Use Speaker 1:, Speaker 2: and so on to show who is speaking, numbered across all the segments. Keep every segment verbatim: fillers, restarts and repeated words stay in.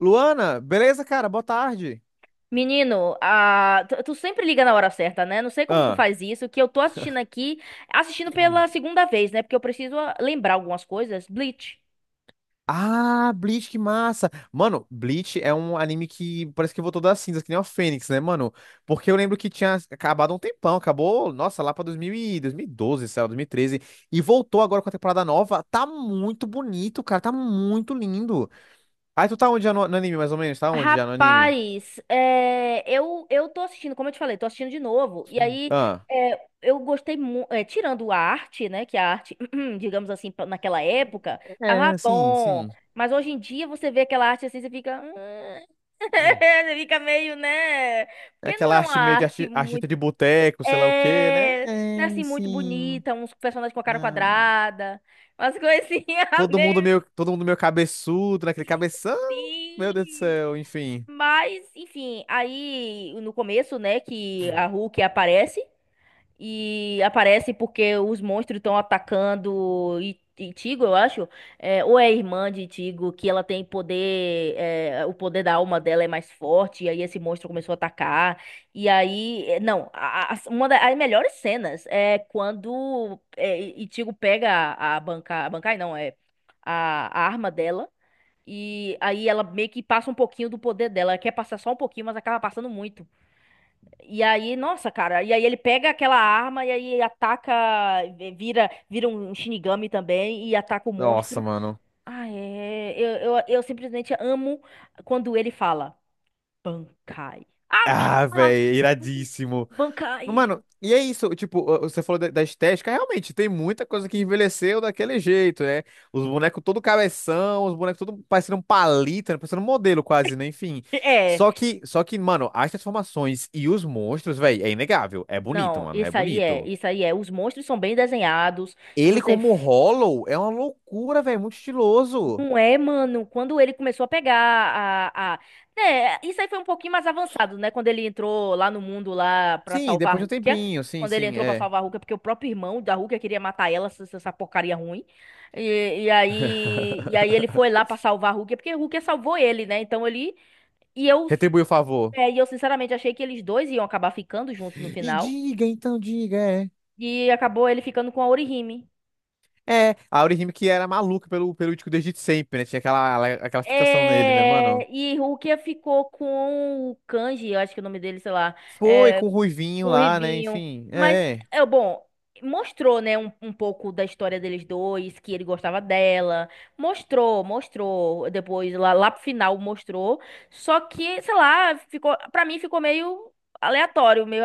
Speaker 1: Luana, beleza, cara? Boa tarde.
Speaker 2: Menino, ah, tu, tu sempre liga na hora certa, né? Não sei como tu
Speaker 1: Ah.
Speaker 2: faz isso, que eu tô assistindo aqui, assistindo pela segunda vez, né? Porque eu preciso ah, lembrar algumas coisas. Bleach.
Speaker 1: Ah, Bleach, que massa. Mano, Bleach é um anime que parece que voltou das cinzas, que nem o Fênix, né, mano? Porque eu lembro que tinha acabado há um tempão, acabou, nossa, lá pra dois mil e dois mil e doze, sei lá, dois mil e treze, e treze, e voltou agora com a temporada nova. Tá muito bonito, cara, tá muito lindo. Aí tu tá onde já no, no anime, mais ou menos? Tá onde já no anime?
Speaker 2: Rapaz, é, eu, eu tô assistindo, como eu te falei, tô assistindo de novo. E aí,
Speaker 1: Ah,
Speaker 2: é, eu gostei muito. Tirando a arte, né? Que a arte, digamos assim, pra- naquela época, tava
Speaker 1: é, sim,
Speaker 2: bom.
Speaker 1: sim.
Speaker 2: Mas hoje em dia você vê aquela arte assim, você fica. Você fica meio, né?
Speaker 1: É
Speaker 2: Porque não
Speaker 1: aquela
Speaker 2: é uma
Speaker 1: arte meio de
Speaker 2: arte.
Speaker 1: arti- artista de boteco, sei lá o quê, né?
Speaker 2: É, né,
Speaker 1: É,
Speaker 2: assim, muito
Speaker 1: sim.
Speaker 2: bonita, uns personagens com a
Speaker 1: Né?
Speaker 2: cara quadrada, umas coisinhas
Speaker 1: Todo mundo
Speaker 2: meio
Speaker 1: meio, todo mundo meio cabeçudo, naquele cabeção. Meu Deus do
Speaker 2: assim.
Speaker 1: céu, enfim.
Speaker 2: Mas, enfim, aí no começo, né, que
Speaker 1: Hum.
Speaker 2: a Hulk aparece. E aparece porque os monstros estão atacando I- Itigo, eu acho. É, ou é a irmã de Itigo, que ela tem poder. É, o poder da alma dela é mais forte. E aí esse monstro começou a atacar. E aí. É, não, a- a- uma das melhores cenas é quando é, Itigo pega a, a banca. A bancai não, é a, a arma dela. E aí ela meio que passa um pouquinho do poder dela. Ela quer passar só um pouquinho, mas acaba passando muito. E aí, nossa, cara, e aí ele pega aquela arma e aí ataca, eh, vira, vira um Shinigami também e ataca o
Speaker 1: Nossa,
Speaker 2: monstro.
Speaker 1: mano.
Speaker 2: Ah, é, eu, eu, eu simplesmente amo quando ele fala Bankai. Ah,
Speaker 1: Ah,
Speaker 2: ah,
Speaker 1: velho, iradíssimo.
Speaker 2: Bankai.
Speaker 1: Mano, e é isso, tipo, ó, você falou da, da estética, realmente tem muita coisa que envelheceu daquele jeito, né? Os bonecos todo cabeção, os bonecos todo parecendo um palito, né? Parecendo um modelo quase, né? Enfim.
Speaker 2: É,
Speaker 1: Só que, só que, mano, as transformações e os monstros, velho, é inegável. É bonito,
Speaker 2: não,
Speaker 1: mano, é
Speaker 2: isso aí é,
Speaker 1: bonito.
Speaker 2: isso aí é. Os monstros são bem desenhados e
Speaker 1: Ele
Speaker 2: você.
Speaker 1: como Hollow é uma loucura, velho, muito estiloso.
Speaker 2: Não é, mano. Quando ele começou a pegar a, a... Né, isso aí foi um pouquinho mais avançado, né? Quando ele entrou lá no mundo lá pra
Speaker 1: Sim,
Speaker 2: salvar a
Speaker 1: depois de um
Speaker 2: Rukia.
Speaker 1: tempinho, sim,
Speaker 2: Quando ele
Speaker 1: sim,
Speaker 2: entrou pra
Speaker 1: é.
Speaker 2: salvar a Rukia, porque o próprio irmão da Rukia queria matar ela, essa, essa porcaria ruim. E, e aí, e aí ele foi lá pra salvar a Rukia, porque a Rukia salvou ele, né? Então ele... E eu,
Speaker 1: Retribui o favor.
Speaker 2: é, e eu sinceramente achei que eles dois iam acabar ficando juntos no
Speaker 1: E
Speaker 2: final.
Speaker 1: diga, então diga, é.
Speaker 2: E acabou ele ficando com a Orihime.
Speaker 1: É, a Orihime que era maluca pelo, pelo Ichigo desde sempre, né? Tinha aquela, aquela fixação nele, né, mano?
Speaker 2: É, e Rukia ficou com o Kanji, eu acho que é o nome dele, sei lá,
Speaker 1: Foi
Speaker 2: é,
Speaker 1: com o Ruivinho
Speaker 2: com o
Speaker 1: lá, né?
Speaker 2: Rivinho.
Speaker 1: Enfim,
Speaker 2: Mas,
Speaker 1: é.
Speaker 2: é bom, mostrou, né, um, um pouco da história deles dois, que ele gostava dela. Mostrou, mostrou. Depois, lá, lá pro final, mostrou. Só que, sei lá, ficou, pra mim ficou meio aleatório, meio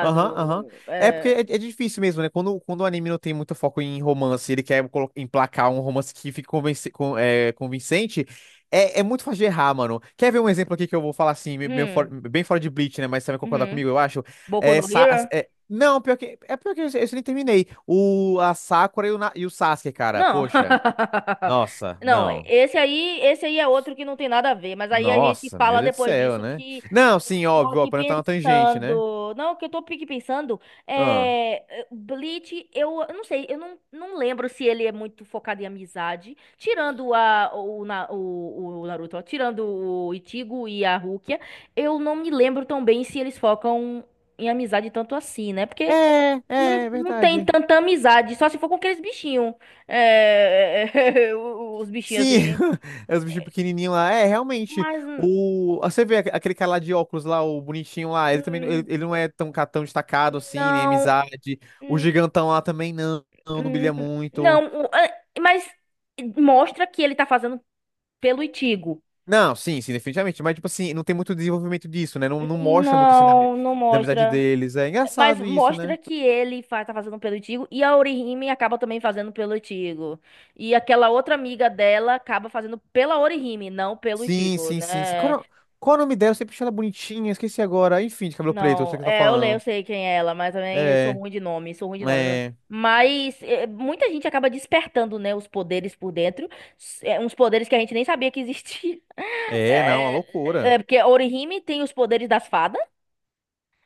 Speaker 1: Aham, aham. É porque
Speaker 2: É,
Speaker 1: é, é difícil mesmo, né? Quando, quando o anime não tem muito foco em romance, ele quer colo- emplacar um romance que fique convenci- con- é, convincente, é, é muito fácil de errar, mano. Quer ver um exemplo aqui que eu vou falar assim, me- meio fora-
Speaker 2: hum,
Speaker 1: bem fora de Bleach, né? Mas você vai concordar
Speaker 2: uhum.
Speaker 1: comigo, eu acho.
Speaker 2: Boku
Speaker 1: É,
Speaker 2: no
Speaker 1: Sa-
Speaker 2: Hero?
Speaker 1: é- não, pior que, é pior que eu, eu nem terminei. O, a Sakura e o, Na- e o Sasuke, cara.
Speaker 2: Não.
Speaker 1: Poxa, nossa,
Speaker 2: Não,
Speaker 1: não.
Speaker 2: esse aí, esse aí é outro que não tem nada a ver, mas aí a gente
Speaker 1: Nossa, meu
Speaker 2: fala
Speaker 1: Deus do
Speaker 2: depois
Speaker 1: céu,
Speaker 2: disso
Speaker 1: né?
Speaker 2: que
Speaker 1: Não,
Speaker 2: eu
Speaker 1: sim,
Speaker 2: tô
Speaker 1: óbvio, ó,
Speaker 2: aqui
Speaker 1: pra não estar na tangente, né?
Speaker 2: pensando. Não, o que eu tô aqui pensando
Speaker 1: Ah.
Speaker 2: é é, Bleach, eu, eu não sei, eu não, não lembro se ele é muito focado em amizade, tirando a o, Na- o, o Naruto, ó, tirando o Ichigo e a Rukia, eu não me lembro tão bem se eles focam em amizade tanto assim, né? Porque
Speaker 1: É, é,
Speaker 2: não,
Speaker 1: é
Speaker 2: não tem
Speaker 1: verdade.
Speaker 2: tanta amizade, só se for com aqueles bichinhos. É, os bichinhos
Speaker 1: Sim,
Speaker 2: assim.
Speaker 1: é os bichos pequenininhos lá. É, realmente.
Speaker 2: Mas
Speaker 1: O... ah, você vê aque- aquele cara lá de óculos lá, o bonitinho lá, ele também ele,
Speaker 2: hum,
Speaker 1: ele não é tão, ca- tão destacado assim, nem
Speaker 2: não.
Speaker 1: amizade. O
Speaker 2: Hum,
Speaker 1: gigantão lá também não, não, não
Speaker 2: hum,
Speaker 1: brilha muito.
Speaker 2: não, o- é, mas mostra que ele tá fazendo pelo Itigo.
Speaker 1: Não, sim, sim, definitivamente. Mas, tipo assim, não tem muito desenvolvimento disso, né? Não, não mostra muito assim da, ami-
Speaker 2: Não, não
Speaker 1: da amizade
Speaker 2: mostra.
Speaker 1: deles. É
Speaker 2: Mas
Speaker 1: engraçado isso, né?
Speaker 2: mostra que ele faz, tá fazendo pelo Itigo e a Orihime acaba também fazendo pelo Itigo. E aquela outra amiga dela acaba fazendo pela Orihime, não pelo
Speaker 1: Sim,
Speaker 2: Itigo,
Speaker 1: sim, sim. sim.
Speaker 2: né?
Speaker 1: Qual, o- qual o nome dela? Eu sempre achei ela bonitinha, esqueci agora. Enfim, de cabelo preto, eu sei o
Speaker 2: Não,
Speaker 1: que você tá
Speaker 2: é, eu leio, eu
Speaker 1: falando.
Speaker 2: sei quem é ela, mas também sou
Speaker 1: É,
Speaker 2: ruim de nome, sou ruim de nome.
Speaker 1: é,
Speaker 2: Mas é, muita gente acaba despertando, né, os poderes por dentro, s- é, uns poderes que a gente nem sabia que existia.
Speaker 1: é, não, uma
Speaker 2: É,
Speaker 1: loucura.
Speaker 2: é, porque Orihime tem os poderes das fadas,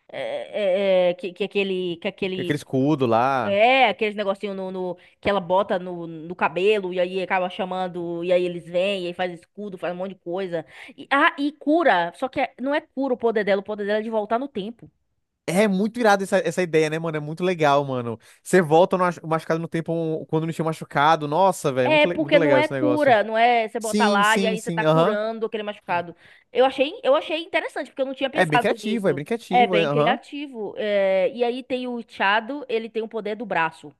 Speaker 2: é, é, é, que, que aquele, que
Speaker 1: E aquele
Speaker 2: aquele,
Speaker 1: escudo lá.
Speaker 2: é, aqueles negocinho no, no- que ela bota no, no cabelo e aí acaba chamando, e aí eles vêm, e aí faz escudo, faz um monte de coisa. E, ah, e cura, só que é- não é cura o poder dela, o poder dela é de voltar no tempo.
Speaker 1: É muito irado essa, essa ideia, né, mano? É muito legal, mano. Você volta no ach- machucado no tempo um- quando não tinha machucado. Nossa, velho,
Speaker 2: É
Speaker 1: muito, le- muito
Speaker 2: porque não
Speaker 1: legal
Speaker 2: é
Speaker 1: esse negócio.
Speaker 2: cura, não é você botar
Speaker 1: Sim,
Speaker 2: lá e
Speaker 1: sim,
Speaker 2: aí você
Speaker 1: sim,
Speaker 2: tá
Speaker 1: aham.
Speaker 2: curando aquele machucado. Eu achei, eu achei interessante, porque eu não tinha
Speaker 1: É bem
Speaker 2: pensado
Speaker 1: criativo, é
Speaker 2: nisso.
Speaker 1: bem
Speaker 2: É
Speaker 1: criativo, é,
Speaker 2: bem
Speaker 1: aham.
Speaker 2: criativo. É, e aí tem o Chado, ele tem o poder do braço.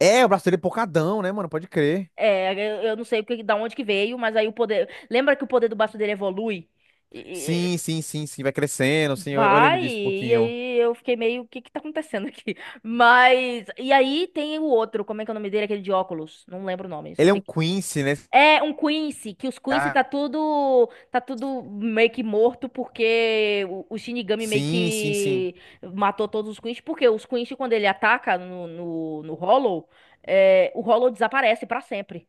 Speaker 1: É, o braço dele é pocadão, né, mano? Pode crer.
Speaker 2: É, eu, eu não sei o que- da onde que veio, mas aí o poder. Lembra que o poder do braço dele evolui? E- e-
Speaker 1: Sim, sim, sim, sim, vai crescendo, sim, eu, eu lembro
Speaker 2: Vai,
Speaker 1: disso um
Speaker 2: e
Speaker 1: pouquinho.
Speaker 2: aí eu fiquei meio, o que que tá acontecendo aqui? Mas. E aí tem o outro, como é que é o nome dele? Aquele de óculos. Não lembro o nome, só
Speaker 1: Ele é um
Speaker 2: sei.
Speaker 1: Quincy, né?
Speaker 2: É um Quincy, que os Quincy
Speaker 1: Ah,
Speaker 2: tá tudo, tá tudo meio que morto porque o, o Shinigami meio
Speaker 1: sim, sim, sim.
Speaker 2: que matou todos os Quincy, porque os Quincy quando ele ataca no, no, no Hollow, é, o Hollow desaparece pra sempre.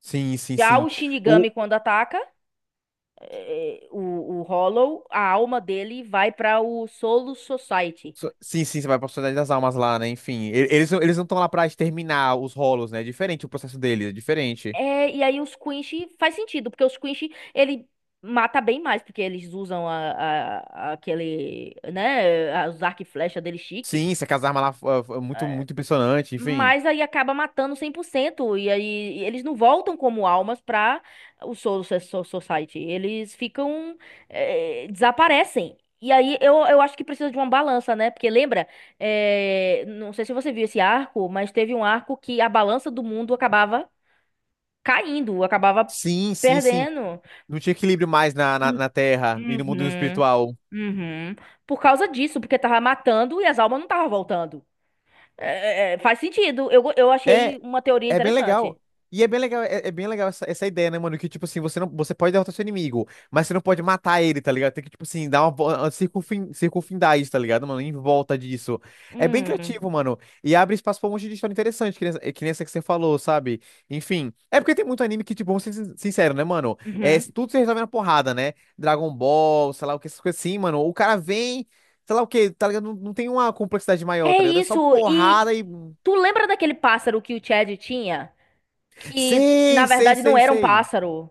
Speaker 1: Sim, sim,
Speaker 2: Já
Speaker 1: sim.
Speaker 2: o
Speaker 1: O...
Speaker 2: Shinigami quando ataca é, o, o Hollow, a alma dele vai pra o Solo Society.
Speaker 1: so- Sim, sim, você vai pra Sociedade das Almas lá, né? Enfim, e- eles, não- eles não estão lá pra exterminar os rolos, né? É diferente o processo deles, é diferente.
Speaker 2: É, e aí os Quinch faz sentido, porque os Quinch, ele mata bem mais, porque eles usam a, a- aquele, né, a- os arco e flecha dele chique,
Speaker 1: Sim, se aquelas armas lá fo- muito, muito impressionante, enfim.
Speaker 2: mas aí acaba matando cem por cento e aí eles não voltam como almas pra o Soul So- So- Society, eles ficam, é, desaparecem. E aí eu, eu acho que precisa de uma balança, né? Porque lembra, é, não sei se você viu esse arco, mas teve um arco que a balança do mundo acabava caindo, acabava
Speaker 1: Sim, sim, sim.
Speaker 2: perdendo.
Speaker 1: Não tinha equilíbrio mais na, na,
Speaker 2: Hum,
Speaker 1: na Terra e no mundo
Speaker 2: Uhum,
Speaker 1: espiritual.
Speaker 2: uhum. Por causa disso, porque tava matando e as almas não estavam voltando. É, é, é, faz sentido. Eu, go- eu achei
Speaker 1: É,
Speaker 2: uma teoria
Speaker 1: é bem legal.
Speaker 2: interessante.
Speaker 1: E é bem legal, é, é bem legal essa, essa ideia, né, mano? Que, tipo assim, você não, você pode derrotar seu inimigo, mas você não pode matar ele, tá ligado? Tem que, tipo assim, dar uma, vo- uma circunfin, circunfindar isso, tá ligado, mano? Em volta disso. É bem
Speaker 2: Hum,
Speaker 1: criativo, mano. E abre espaço pra um monte de história interessante, que nem, essa- é, que nem essa que você falou, sabe? Enfim. É porque tem muito anime que, tipo, vamos ser sin- sincero, né, mano? É,
Speaker 2: uhum.
Speaker 1: tudo se resolve na porrada, né? Dragon Ball, sei lá o que, essas coisas assim, mano. O cara vem. Sei lá o que tá ligado? Não, não tem uma complexidade maior,
Speaker 2: É
Speaker 1: tá ligado? É só
Speaker 2: isso. E
Speaker 1: porrada e
Speaker 2: tu lembra daquele pássaro que o Chad tinha? Que na
Speaker 1: Sei, sei,
Speaker 2: verdade não
Speaker 1: sei,
Speaker 2: era um
Speaker 1: sei.
Speaker 2: pássaro.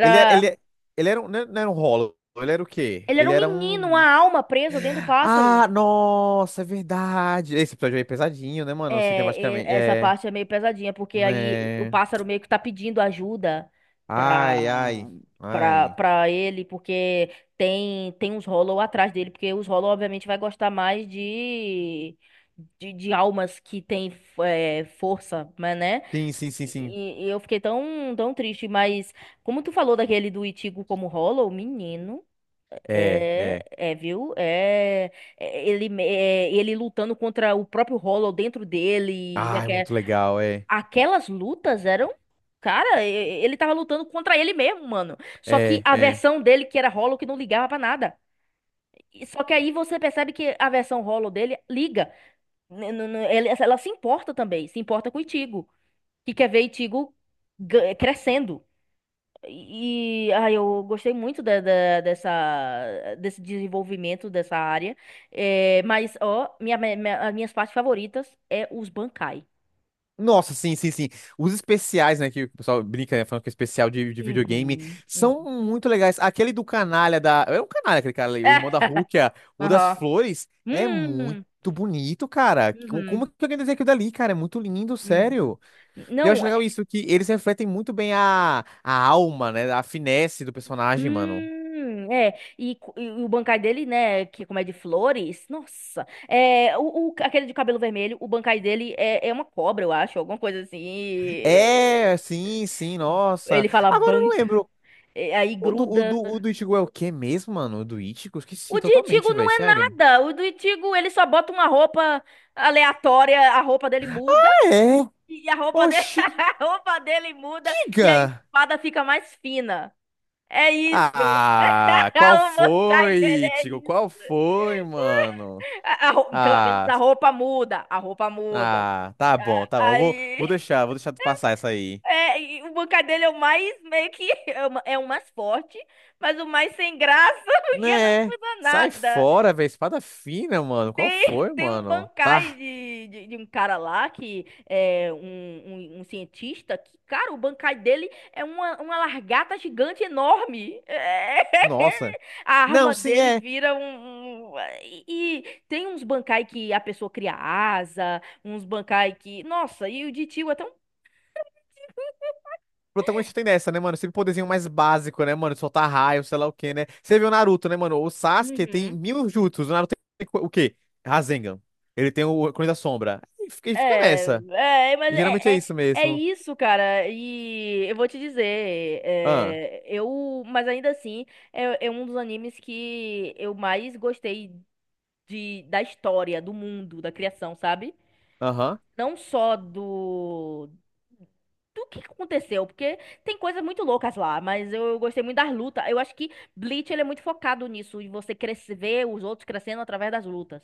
Speaker 1: Ele era, ele, ele era um, não era não era um Hollow, ele era o quê?
Speaker 2: Ele era
Speaker 1: Ele
Speaker 2: um
Speaker 1: era
Speaker 2: menino, uma
Speaker 1: um.
Speaker 2: alma presa dentro do pássaro.
Speaker 1: Ah, nossa, é verdade. Esse episódio aí é pesadinho, né, mano? Assim,
Speaker 2: É, e-
Speaker 1: tematicamente.
Speaker 2: essa
Speaker 1: É.
Speaker 2: parte é meio pesadinha, porque aí o
Speaker 1: É.
Speaker 2: pássaro meio que tá pedindo ajuda
Speaker 1: Ai,
Speaker 2: pra,
Speaker 1: ai,
Speaker 2: pra,
Speaker 1: ai.
Speaker 2: pra ele, porque tem, tem uns Hollow atrás dele, porque os Hollow obviamente vai gostar mais de, de, de almas que tem é, força, mas né?
Speaker 1: Sim, sim, sim, sim.
Speaker 2: E, e eu fiquei tão, tão triste, mas como tu falou daquele do Ichigo como Hollow, menino.
Speaker 1: É,
Speaker 2: É,
Speaker 1: é.
Speaker 2: é, viu? É, é, ele, me- é, ele lutando contra o próprio Hollow dentro dele. E
Speaker 1: Ai,
Speaker 2: aque-
Speaker 1: muito legal, é.
Speaker 2: aquelas lutas eram. Cara, e- e- ele tava lutando contra ele mesmo, mano. Só que
Speaker 1: É,
Speaker 2: a
Speaker 1: é.
Speaker 2: versão dele, que era Hollow, que não ligava pra nada. E- Só que aí você percebe que a versão Hollow dele liga. N- n- n- ele- Ela se importa também. Se importa com o Ichigo. Que quer ver Ichigo ga- crescendo. E ah, eu gostei muito da- da- dessa, desse desenvolvimento dessa área. É, mas, ó, minha, minha- minha- as minhas partes favoritas é os bancai.
Speaker 1: Nossa, sim, sim, sim. Os especiais, né, que o pessoal brinca, né, falando que é especial de, de videogame,
Speaker 2: Uhum. Hum.
Speaker 1: são muito legais. Aquele do canalha da... É um canalha aquele cara ali, o irmão da
Speaker 2: É,
Speaker 1: Rukia, o das
Speaker 2: aham.
Speaker 1: flores, é muito
Speaker 2: Hum,
Speaker 1: bonito, cara. Como, como
Speaker 2: uhum,
Speaker 1: que alguém desenha aquilo dali, cara? É muito lindo,
Speaker 2: uhum.
Speaker 1: sério. Eu acho
Speaker 2: Não,
Speaker 1: legal
Speaker 2: é,
Speaker 1: isso, que eles refletem muito bem a, a alma, né, a finesse do personagem, mano.
Speaker 2: hum, é, e, co- e o bancai dele, né, que é como é de flores, nossa, é, o, o- aquele de cabelo vermelho, o bancai dele é, é uma cobra, eu acho, alguma coisa assim, e-.
Speaker 1: É, sim, sim,
Speaker 2: É,
Speaker 1: nossa.
Speaker 2: ele fala
Speaker 1: Agora eu não lembro.
Speaker 2: e aí
Speaker 1: O do, o
Speaker 2: gruda.
Speaker 1: do, o do Ichigo é o quê mesmo, mano? O do Ichigo? Esqueci
Speaker 2: O de
Speaker 1: totalmente,
Speaker 2: Itigo
Speaker 1: velho,
Speaker 2: não é
Speaker 1: sério.
Speaker 2: nada. O do Itigo, ele só bota uma roupa aleatória, a roupa dele muda,
Speaker 1: É.
Speaker 2: e a roupa dele,
Speaker 1: Oxi,
Speaker 2: a roupa dele muda, e a
Speaker 1: diga!
Speaker 2: espada fica mais fina. É isso.
Speaker 1: Ah, qual
Speaker 2: O Mokai dele
Speaker 1: foi,
Speaker 2: é
Speaker 1: Tigo?
Speaker 2: isso.
Speaker 1: Qual foi, mano?
Speaker 2: A- a rou- pelo menos
Speaker 1: Ah,
Speaker 2: a roupa muda. A roupa muda.
Speaker 1: ah, tá bom, tá bom. Eu vou,
Speaker 2: Aí,
Speaker 1: vou deixar, vou deixar tu passar essa aí.
Speaker 2: é, e o Mokai dele é o mais, meio que, é o ma- é o mais forte, mas o mais sem graça, porque não
Speaker 1: Né?
Speaker 2: muda
Speaker 1: Sai
Speaker 2: nada.
Speaker 1: fora, velho. Espada fina, mano. Qual
Speaker 2: Tem,
Speaker 1: foi,
Speaker 2: tem um
Speaker 1: mano?
Speaker 2: bancai
Speaker 1: Tá,
Speaker 2: de, de, de um cara lá que é um, um, um cientista que, cara, o bancai dele é uma, uma largata gigante enorme.
Speaker 1: nossa.
Speaker 2: A
Speaker 1: Não,
Speaker 2: arma
Speaker 1: sim,
Speaker 2: dele
Speaker 1: é. O
Speaker 2: vira um. Um-. E, e tem uns bancai que a pessoa cria asa, uns bancai que. Nossa, e o de tio é tão.
Speaker 1: protagonista tem dessa, né, mano? Sempre poderzinho mais básico, né, mano? Soltar raio, sei lá o quê, né? Você viu o Naruto, né, mano? O Sasuke tem
Speaker 2: Uhum.
Speaker 1: mil jutsus. O Naruto tem o quê? Rasengan. Ele tem o Clone da Sombra. E fica e fica
Speaker 2: É,
Speaker 1: nessa.
Speaker 2: é, mas
Speaker 1: E geralmente é
Speaker 2: é, é,
Speaker 1: isso
Speaker 2: é
Speaker 1: mesmo.
Speaker 2: isso, cara. E eu vou te dizer,
Speaker 1: Ah,
Speaker 2: é, eu, mas ainda assim, é, é um dos animes que eu mais gostei de, da história, do mundo, da criação, sabe?
Speaker 1: aham.
Speaker 2: Não só do, do que aconteceu, porque tem coisas muito loucas lá, mas eu gostei muito das lutas. Eu acho que Bleach, ele é muito focado nisso, e você crescer, ver os outros crescendo através das lutas.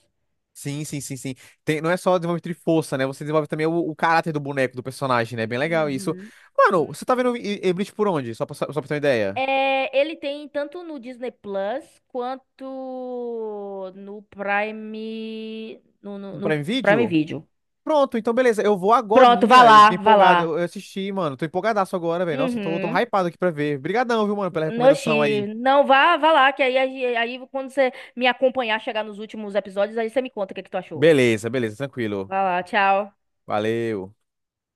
Speaker 1: Sim, sim, sim, sim. Tem, não é só desenvolvimento de força, né? Você desenvolve também o, o caráter do boneco, do personagem, né? Bem legal isso.
Speaker 2: Uhum.
Speaker 1: Mano, você tá vendo E- E- Bleach por onde? Só pra, só pra ter uma ideia.
Speaker 2: É, ele tem tanto no Disney Plus quanto no Prime, no, no,
Speaker 1: No
Speaker 2: no
Speaker 1: Prime
Speaker 2: Prime
Speaker 1: Video?
Speaker 2: Video.
Speaker 1: Pronto, então beleza. Eu vou
Speaker 2: Pronto, vá
Speaker 1: agorinha. Eu
Speaker 2: lá,
Speaker 1: fiquei
Speaker 2: vá
Speaker 1: empolgado.
Speaker 2: lá.
Speaker 1: Eu eu assisti, mano. Tô empolgadaço agora, velho. Nossa, tô, tô
Speaker 2: Uhum.
Speaker 1: hypado aqui pra ver. Obrigadão, viu, mano, pela recomendação
Speaker 2: Oxi,
Speaker 1: aí.
Speaker 2: não, vá, vá lá, que aí, aí, aí quando você me acompanhar, chegar nos últimos episódios, aí você me conta o que que tu achou.
Speaker 1: Beleza, beleza, tranquilo.
Speaker 2: Vá lá, tchau.
Speaker 1: Valeu.